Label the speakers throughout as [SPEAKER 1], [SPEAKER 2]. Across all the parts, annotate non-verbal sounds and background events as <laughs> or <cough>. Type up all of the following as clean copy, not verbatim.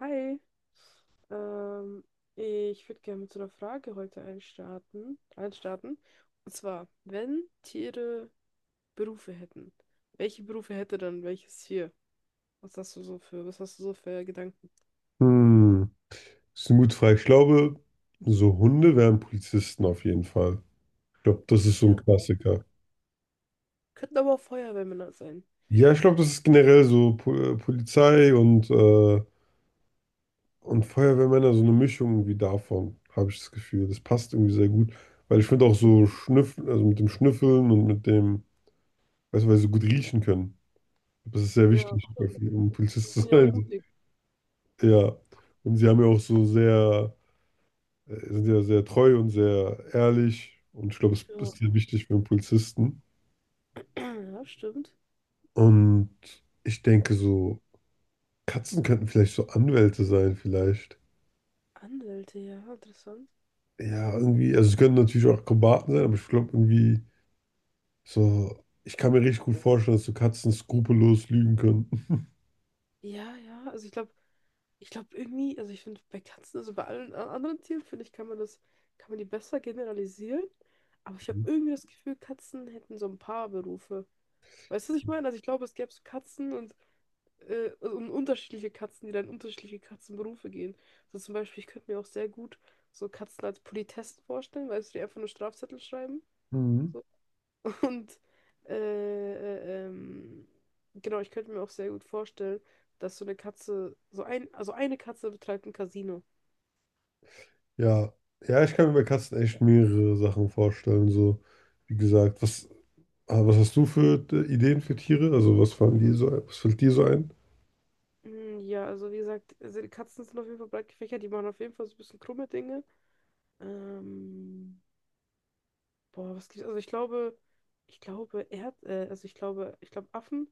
[SPEAKER 1] Hi, ähm, ich würde gerne mit so einer Frage heute einstarten. Und zwar, wenn Tiere Berufe hätten, welche Berufe hätte dann welches Tier? Was hast du so für Gedanken?
[SPEAKER 2] Hm, das ist eine gute Frage. Ich glaube, so Hunde wären Polizisten auf jeden Fall. Ich glaube, das ist so ein Klassiker.
[SPEAKER 1] Könnten aber auch Feuerwehrmänner sein.
[SPEAKER 2] Ja, ich glaube, das ist generell so Polizei und Feuerwehrmänner, so eine Mischung irgendwie davon, habe ich das Gefühl. Das passt irgendwie sehr gut, weil ich finde auch so Schnüffeln, also mit dem Schnüffeln und mit dem, weißt du, weil sie so gut riechen können. Das ist sehr
[SPEAKER 1] Ja,
[SPEAKER 2] wichtig,
[SPEAKER 1] stimmt.
[SPEAKER 2] um
[SPEAKER 1] Die
[SPEAKER 2] Polizist zu
[SPEAKER 1] sind ja auch
[SPEAKER 2] sein.
[SPEAKER 1] mutig.
[SPEAKER 2] Ja, und sie haben ja auch so sehr. Sind ja sehr treu und sehr ehrlich und ich glaube, es
[SPEAKER 1] Ja,
[SPEAKER 2] ist sehr wichtig für einen Polizisten.
[SPEAKER 1] <clears throat> ja, stimmt.
[SPEAKER 2] Und ich denke so, Katzen könnten vielleicht so Anwälte sein, vielleicht.
[SPEAKER 1] Anwälte, ja, interessant.
[SPEAKER 2] Ja, irgendwie, also sie können natürlich auch Akrobaten sein, aber ich glaube irgendwie so, ich kann mir richtig gut vorstellen, dass so Katzen skrupellos lügen können.
[SPEAKER 1] Ja, ja, also ich glaube, irgendwie, also ich finde bei Katzen, also bei allen anderen Tieren, finde ich, kann man die besser generalisieren. Aber ich habe irgendwie das Gefühl, Katzen hätten so ein paar Berufe. Weißt du, was ich meine? Also ich glaube, es gäbe so Katzen also und unterschiedliche Katzen, die dann in unterschiedliche Katzenberufe gehen. So zum Beispiel, ich könnte mir auch sehr gut so Katzen als Politessen vorstellen, weißt du, die einfach nur Strafzettel schreiben.
[SPEAKER 2] Mhm.
[SPEAKER 1] So. <laughs> Und äh, äh, ähm, genau, ich könnte mir auch sehr gut vorstellen, dass so eine Katze, so ein, also eine Katze betreibt ein Casino.
[SPEAKER 2] Ja, ja, ich kann mir bei Katzen echt mehrere Sachen vorstellen. So, wie gesagt, was hast du für Ideen für Tiere? Also, was fallen dir so, was fällt dir so ein?
[SPEAKER 1] Ja, also wie gesagt, also die Katzen sind auf jeden Fall breit gefächert, die machen auf jeden Fall so ein bisschen krumme Dinge. Ähm, boah, was gibt's? Also ich glaube, Erd, also ich glaube, Affen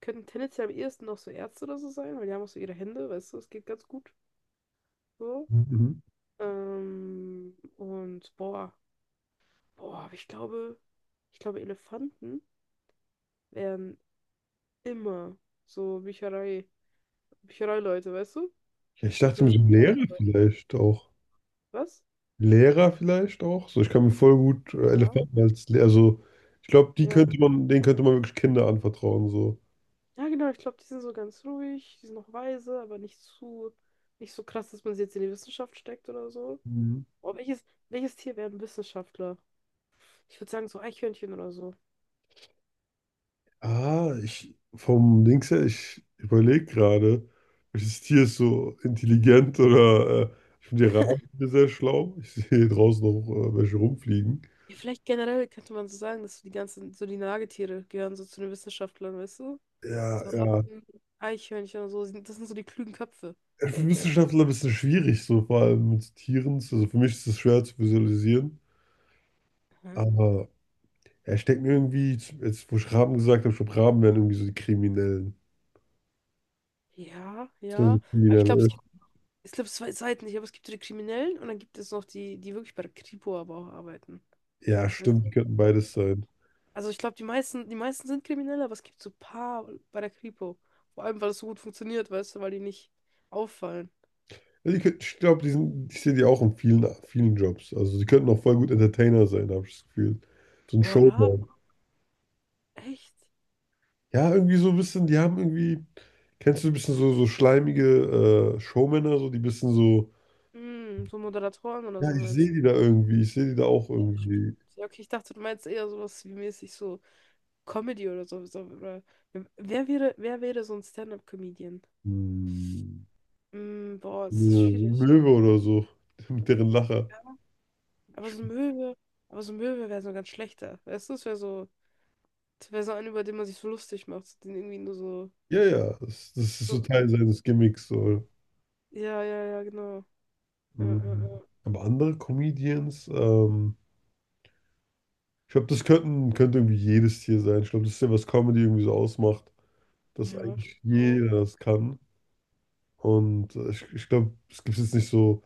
[SPEAKER 1] könnten tendenziell am ehesten noch so Ärzte oder so sein, weil die haben auch so ihre Hände, weißt du, es geht ganz gut so.
[SPEAKER 2] Mhm.
[SPEAKER 1] Und boah, boah, aber ich glaube, Elefanten wären immer so Büchereileute, weißt du?
[SPEAKER 2] Ich
[SPEAKER 1] Die
[SPEAKER 2] dachte mir
[SPEAKER 1] sind-
[SPEAKER 2] so Lehrer vielleicht auch.
[SPEAKER 1] Was?
[SPEAKER 2] Lehrer vielleicht auch. So, ich kann mir voll gut
[SPEAKER 1] Ja.
[SPEAKER 2] Elefanten als Lehrer. Also, ich glaube,
[SPEAKER 1] Ja.
[SPEAKER 2] denen könnte man wirklich Kinder anvertrauen. So.
[SPEAKER 1] Ja, genau, ich glaube, die sind so ganz ruhig, die sind noch weise, nicht so krass, dass man sie jetzt in die Wissenschaft steckt oder so.
[SPEAKER 2] Mhm.
[SPEAKER 1] Oh, welches Tier wäre ein Wissenschaftler? Ich würde sagen, so Eichhörnchen oder so.
[SPEAKER 2] Ah, ich vom Dings her, ich überlege gerade, welches Tier ist so intelligent oder ich finde die Raben sehr schlau. Ich sehe hier draußen noch welche rumfliegen.
[SPEAKER 1] Ja, vielleicht generell könnte man so sagen, dass so die ganzen, so die Nagetiere gehören so zu den Wissenschaftlern, weißt du?
[SPEAKER 2] Ja,
[SPEAKER 1] So
[SPEAKER 2] ja.
[SPEAKER 1] Ratten, Eichhörnchen und so, sind- das sind so die klugen Köpfe.
[SPEAKER 2] Für Wissenschaftler ein bisschen schwierig, so vor allem mit Tieren. Also für mich ist es schwer zu visualisieren,
[SPEAKER 1] Mhm.
[SPEAKER 2] aber ja, ich denke mir irgendwie, jetzt wo ich Raben gesagt habe, ich glaube, Raben wären irgendwie so die Kriminellen.
[SPEAKER 1] Ja,
[SPEAKER 2] Das wären so
[SPEAKER 1] ja. Aber ich glaube,
[SPEAKER 2] Kriminelle.
[SPEAKER 1] es gibt zwei Seiten. Ich glaube, es gibt so die Kriminellen und dann gibt es noch die, die wirklich bei der Kripo aber auch arbeiten.
[SPEAKER 2] Ja,
[SPEAKER 1] Weißt
[SPEAKER 2] stimmt, die
[SPEAKER 1] du?
[SPEAKER 2] könnten beides sein.
[SPEAKER 1] Also ich glaube, die meisten sind kriminell, aber es gibt so ein paar bei der Kripo. Vor allem, weil es so gut funktioniert, weißt du, weil die nicht auffallen.
[SPEAKER 2] Ja, die könnten, ich glaube, die sind, ich sehe die auch in vielen, vielen Jobs. Also die könnten auch voll gut Entertainer sein, habe ich das Gefühl. So ein
[SPEAKER 1] Boah, Raben,
[SPEAKER 2] Showman.
[SPEAKER 1] echt?
[SPEAKER 2] Ja, irgendwie so ein bisschen, die haben irgendwie, kennst du ein bisschen so, so schleimige Showmänner, so die bisschen so,
[SPEAKER 1] Hm, so Moderatoren oder
[SPEAKER 2] ja,
[SPEAKER 1] so
[SPEAKER 2] ich
[SPEAKER 1] meinst
[SPEAKER 2] sehe
[SPEAKER 1] du?
[SPEAKER 2] die da irgendwie, ich sehe die da auch
[SPEAKER 1] Ja,
[SPEAKER 2] irgendwie.
[SPEAKER 1] Ja, okay, ich dachte, du meinst eher sowas wie mäßig so Comedy oder so. Wer wäre so ein Stand-up-Comedian?
[SPEAKER 2] Hm,
[SPEAKER 1] Hm, boah, das
[SPEAKER 2] eine
[SPEAKER 1] ist schwierig.
[SPEAKER 2] Möwe oder so, <laughs> mit deren Lacher.
[SPEAKER 1] Aber so
[SPEAKER 2] Ich
[SPEAKER 1] ein Möwe, aber so ein Möwe wäre so ein ganz schlechter. Weißt du, es wäre so ein, über den man sich so lustig macht, den irgendwie nur so,
[SPEAKER 2] Ja, ja, das, das ist so
[SPEAKER 1] so, so.
[SPEAKER 2] Teil seines Gimmicks. So.
[SPEAKER 1] Ja, ja, ja, genau. Ja, ja, ja,
[SPEAKER 2] Mhm. Aber andere Comedians, ich glaube, das könnten, könnte irgendwie jedes Tier sein. Ich glaube, das ist ja, was Comedy irgendwie so ausmacht, dass
[SPEAKER 1] Ja,
[SPEAKER 2] eigentlich
[SPEAKER 1] stimmt auch.
[SPEAKER 2] jeder das kann. Ich glaube, es gibt jetzt nicht so,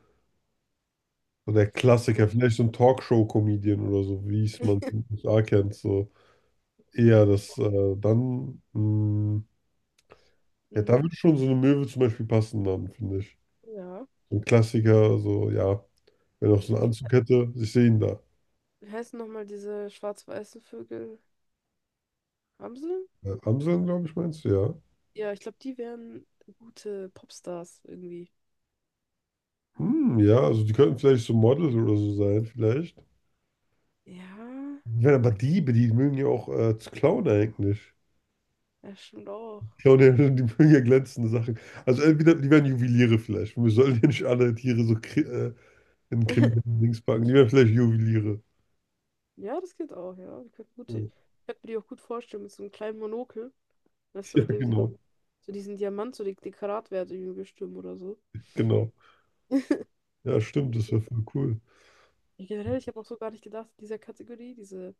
[SPEAKER 2] so der Klassiker,
[SPEAKER 1] Also,
[SPEAKER 2] vielleicht so ein Talkshow-Comedian oder so, wie es man
[SPEAKER 1] <laughs>
[SPEAKER 2] in den USA kennt. So eher
[SPEAKER 1] <clears throat>
[SPEAKER 2] ja, da
[SPEAKER 1] mm,
[SPEAKER 2] würde schon so eine Möwe zum Beispiel passen, dann, finde ich.
[SPEAKER 1] ja.
[SPEAKER 2] So ein Klassiker, so, ja, wenn er auch so einen
[SPEAKER 1] Wie
[SPEAKER 2] Anzug hätte, ich sehe ihn da.
[SPEAKER 1] wie heißen nochmal diese schwarz-weißen Vögel? Amseln?
[SPEAKER 2] Amseln, glaube ich, meinst du, ja.
[SPEAKER 1] Ja, ich glaube, die wären gute Popstars irgendwie.
[SPEAKER 2] Hm, ja, also die könnten vielleicht so Models oder so sein, vielleicht.
[SPEAKER 1] Ja,
[SPEAKER 2] Ich aber Diebe, die mögen ja auch zu klauen eigentlich.
[SPEAKER 1] ja, stimmt auch.
[SPEAKER 2] Klauen ja, <laughs> die mögen ja glänzende Sachen. Also entweder die werden Juweliere vielleicht. Wir sollen ja nicht alle Tiere so kri in kriminellen
[SPEAKER 1] <laughs>
[SPEAKER 2] Dings packen. Die werden vielleicht Juweliere.
[SPEAKER 1] Ja, das geht auch, ja. Ich könnte, gut,
[SPEAKER 2] Ja,
[SPEAKER 1] ich
[SPEAKER 2] <laughs>
[SPEAKER 1] könnte mir die auch gut vorstellen mit so einem kleinen Monokel. Weißt du,
[SPEAKER 2] ja,
[SPEAKER 1] mit dem sie da
[SPEAKER 2] genau.
[SPEAKER 1] so diesen Diamant, die Karatwerte irgendwie bestimmen oder so.
[SPEAKER 2] Genau. Ja, stimmt, das
[SPEAKER 1] Ja,
[SPEAKER 2] wäre voll cool.
[SPEAKER 1] generell, ich habe auch so gar nicht gedacht, in dieser Kategorie, diese,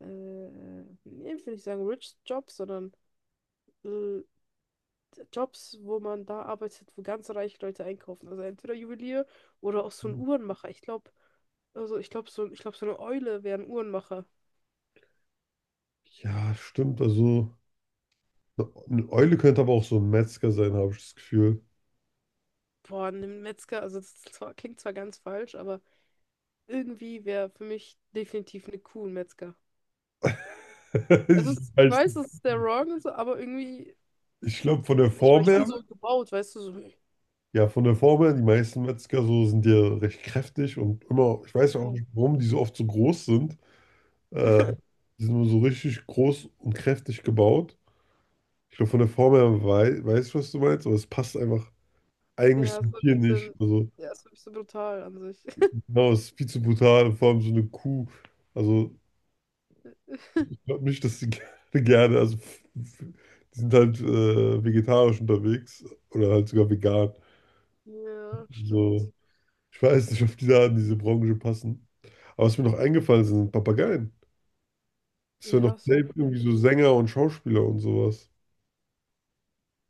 [SPEAKER 1] äh, äh, nee, ich will nicht sagen Rich Jobs, sondern äh, Jobs, wo man da arbeitet, wo ganz reiche Leute einkaufen. Also entweder Juwelier oder auch so ein Uhrenmacher. Ich glaube, also ich glaube, so, ich glaub, so eine Eule wäre ein Uhrenmacher.
[SPEAKER 2] Ja, stimmt. Also eine Eule könnte aber auch so ein Metzger sein, habe ich das Gefühl.
[SPEAKER 1] Boah, ein Metzger, also das ist zwar, klingt zwar ganz falsch, aber irgendwie wäre für mich definitiv eine Kuh ein Metzger.
[SPEAKER 2] <laughs>
[SPEAKER 1] Es
[SPEAKER 2] Ich
[SPEAKER 1] ist, ich
[SPEAKER 2] weiß
[SPEAKER 1] weiß,
[SPEAKER 2] nicht.
[SPEAKER 1] es ist der Wrong, so, aber irgendwie,
[SPEAKER 2] Ich glaube, von der
[SPEAKER 1] weiß ich,
[SPEAKER 2] Form
[SPEAKER 1] weil die sind
[SPEAKER 2] her
[SPEAKER 1] so gebaut, weißt du, so.
[SPEAKER 2] ja, von der Form her, die meisten Metzger so sind ja recht kräftig und immer, ich weiß auch
[SPEAKER 1] Ja,
[SPEAKER 2] nicht, warum die so oft so groß sind. Äh,
[SPEAKER 1] <laughs>
[SPEAKER 2] Die sind immer so richtig groß und kräftig gebaut. Ich glaube, von der Form her ich, was du meinst, aber es passt einfach eigentlich
[SPEAKER 1] ja, ist
[SPEAKER 2] zum
[SPEAKER 1] so ein
[SPEAKER 2] Tier nicht.
[SPEAKER 1] bisschen,
[SPEAKER 2] Also,
[SPEAKER 1] ja, ist wirklich so ein bisschen brutal an sich. <laughs>
[SPEAKER 2] genau, es ist viel zu brutal, und vor allem so eine Kuh. Also, ich glaube nicht, dass die <laughs> gerne, gerne, die sind halt vegetarisch unterwegs oder halt sogar vegan.
[SPEAKER 1] Ja, stimmt.
[SPEAKER 2] So. Ich weiß nicht, ob die da in diese Branche passen. Aber was mir noch eingefallen ist, sind Papageien. Das wären noch
[SPEAKER 1] Ja, was wäre
[SPEAKER 2] safe irgendwie so Sänger und Schauspieler und sowas.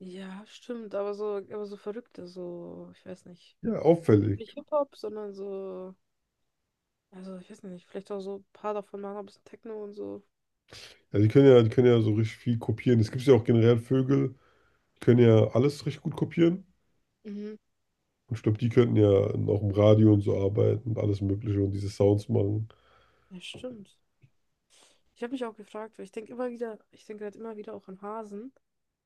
[SPEAKER 1] Ja, stimmt, aber so verrückte, so, ich weiß nicht.
[SPEAKER 2] Ja, auffällig.
[SPEAKER 1] Nicht Hip-Hop, sondern so, also ich weiß nicht, vielleicht auch so ein paar davon machen, ein bisschen Techno und so.
[SPEAKER 2] Ja, die können ja, die können ja so richtig viel kopieren. Es gibt ja auch generell Vögel, die können ja alles richtig gut kopieren.
[SPEAKER 1] Mhm.
[SPEAKER 2] Und ich glaube, die könnten ja auch im Radio und so arbeiten und alles Mögliche und diese Sounds machen.
[SPEAKER 1] Ja, stimmt. Ich habe mich auch gefragt, weil ich denke immer wieder, ich denke halt immer wieder auch an Hasen,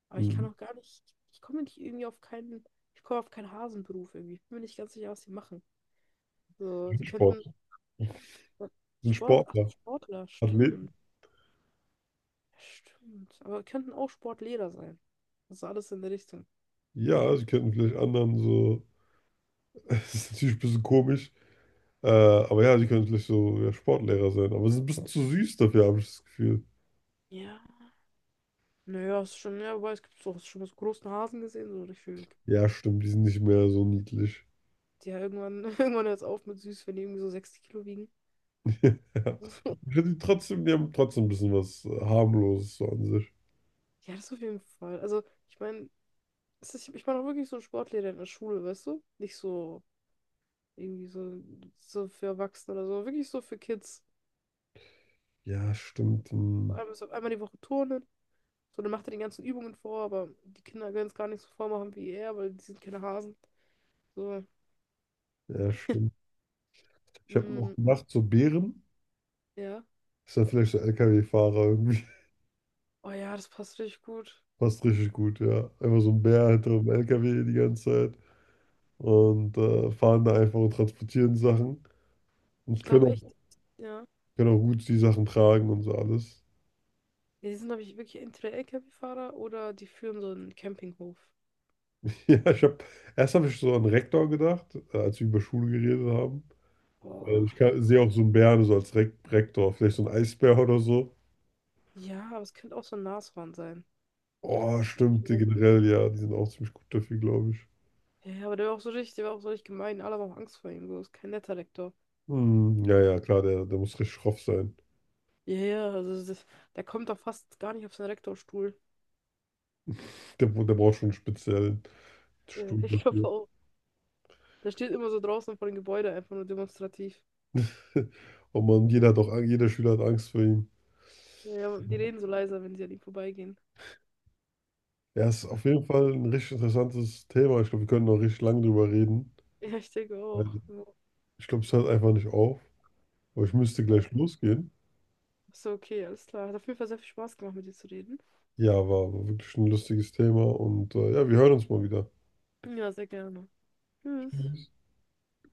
[SPEAKER 1] aber ich kann
[SPEAKER 2] Mhm.
[SPEAKER 1] auch gar nicht, ich komme nicht irgendwie auf keinen, ich komme auf keinen Hasenberuf irgendwie. Ich bin mir nicht ganz sicher, was die machen. So, die
[SPEAKER 2] Sind Sport.
[SPEAKER 1] könnten
[SPEAKER 2] Sind
[SPEAKER 1] Sport, ach,
[SPEAKER 2] Sportler.
[SPEAKER 1] Sportler, stimmt.
[SPEAKER 2] Athleten.
[SPEAKER 1] Ja, Stimmt. Aber könnten auch Sportlehrer sein. Also alles in der Richtung.
[SPEAKER 2] Ja, sie könnten vielleicht anderen so. <laughs> Das ist natürlich ein bisschen komisch. Aber ja, die können vielleicht so ja, Sportlehrer sein. Aber sie sind ein bisschen zu süß dafür, habe ich das Gefühl.
[SPEAKER 1] Ja, Naja, ist schon, ja, wobei es gibt so, hast du schon mal so großen Hasen gesehen, so gefühlt.
[SPEAKER 2] Ja, stimmt, die sind nicht mehr so niedlich.
[SPEAKER 1] Die ja irgendwann, <laughs> irgendwann hört es auf mit süß, wenn die irgendwie so 60 Kilo wiegen.
[SPEAKER 2] <laughs> Ja. Ich
[SPEAKER 1] <laughs>
[SPEAKER 2] finde die trotzdem, die haben trotzdem ein bisschen was harmloses so an sich.
[SPEAKER 1] Ja, das auf jeden Fall. Also, ich meine, ich meine auch wirklich so einen Sportlehrer in der Schule, weißt du? Nicht so irgendwie so, so für Erwachsene oder so, wirklich so für Kids.
[SPEAKER 2] Ja, stimmt.
[SPEAKER 1] So
[SPEAKER 2] Hm.
[SPEAKER 1] Einmal, so, einmal die Woche turnen. So, dann macht er die ganzen Übungen vor, aber die Kinder können es gar nicht so vormachen wie er, weil die sind keine Hasen. So,
[SPEAKER 2] Ja, stimmt. Ich habe noch
[SPEAKER 1] mm,
[SPEAKER 2] gedacht, so Bären.
[SPEAKER 1] ja.
[SPEAKER 2] Ist dann vielleicht so LKW-Fahrer irgendwie.
[SPEAKER 1] Oh ja, das passt richtig gut.
[SPEAKER 2] <laughs> Passt richtig gut, ja. Einfach so ein Bär hinter einem LKW die ganze Zeit. Fahren da einfach und transportieren Sachen.
[SPEAKER 1] Ich
[SPEAKER 2] Und können
[SPEAKER 1] glaube
[SPEAKER 2] auch,
[SPEAKER 1] echt, ja.
[SPEAKER 2] können auch gut die Sachen tragen und so alles.
[SPEAKER 1] Ja, Die sind, glaube ich, wirklich entweder LKW-Fahrer oder die führen so einen Campinghof.
[SPEAKER 2] <laughs> Ja, ich habe erst habe ich so an Rektor gedacht, als wir über Schule geredet haben.
[SPEAKER 1] Boah,
[SPEAKER 2] Sehe auch
[SPEAKER 1] Rektor.
[SPEAKER 2] so einen Bären so als Rektor, vielleicht so ein Eisbär oder so.
[SPEAKER 1] Ja, aber es könnte auch so ein Nashorn sein.
[SPEAKER 2] Oh,
[SPEAKER 1] Ich weiß nicht
[SPEAKER 2] stimmt, die
[SPEAKER 1] warum.
[SPEAKER 2] generell, ja, die sind auch ziemlich gut dafür, glaube ich.
[SPEAKER 1] Der war auch so richtig gemein. Alle haben auch Angst vor ihm. So, ist kein netter Rektor.
[SPEAKER 2] Hm, ja, ja, klar, der, der muss richtig schroff sein.
[SPEAKER 1] Ja, ja, also das, der kommt doch fast gar nicht auf seinen Rektorstuhl.
[SPEAKER 2] Der, der braucht schon einen speziellen
[SPEAKER 1] Ja, <laughs>
[SPEAKER 2] Stuhl
[SPEAKER 1] Ich glaube
[SPEAKER 2] dafür.
[SPEAKER 1] auch. Der steht immer so draußen vor dem Gebäude, einfach nur demonstrativ.
[SPEAKER 2] <laughs> Und man, jeder Schüler hat Angst vor ihm.
[SPEAKER 1] Ja, ja, die reden so leiser, wenn sie an ihm vorbeigehen. <laughs>
[SPEAKER 2] Ja, ist auf jeden Fall ein richtig interessantes Thema. Ich glaube, wir können noch richtig lange drüber reden.
[SPEAKER 1] Ja, ich denke auch.
[SPEAKER 2] Weil
[SPEAKER 1] Ja.
[SPEAKER 2] ich glaube, es hört einfach nicht auf. Aber ich müsste
[SPEAKER 1] Ja.
[SPEAKER 2] gleich losgehen.
[SPEAKER 1] So, okay, alles klar. Hat auf jeden Fall sehr viel Spaß gemacht, mit dir zu reden.
[SPEAKER 2] Ja, war wirklich ein lustiges Thema und ja, wir hören uns mal wieder.
[SPEAKER 1] Ja, sehr gerne. Tschüss.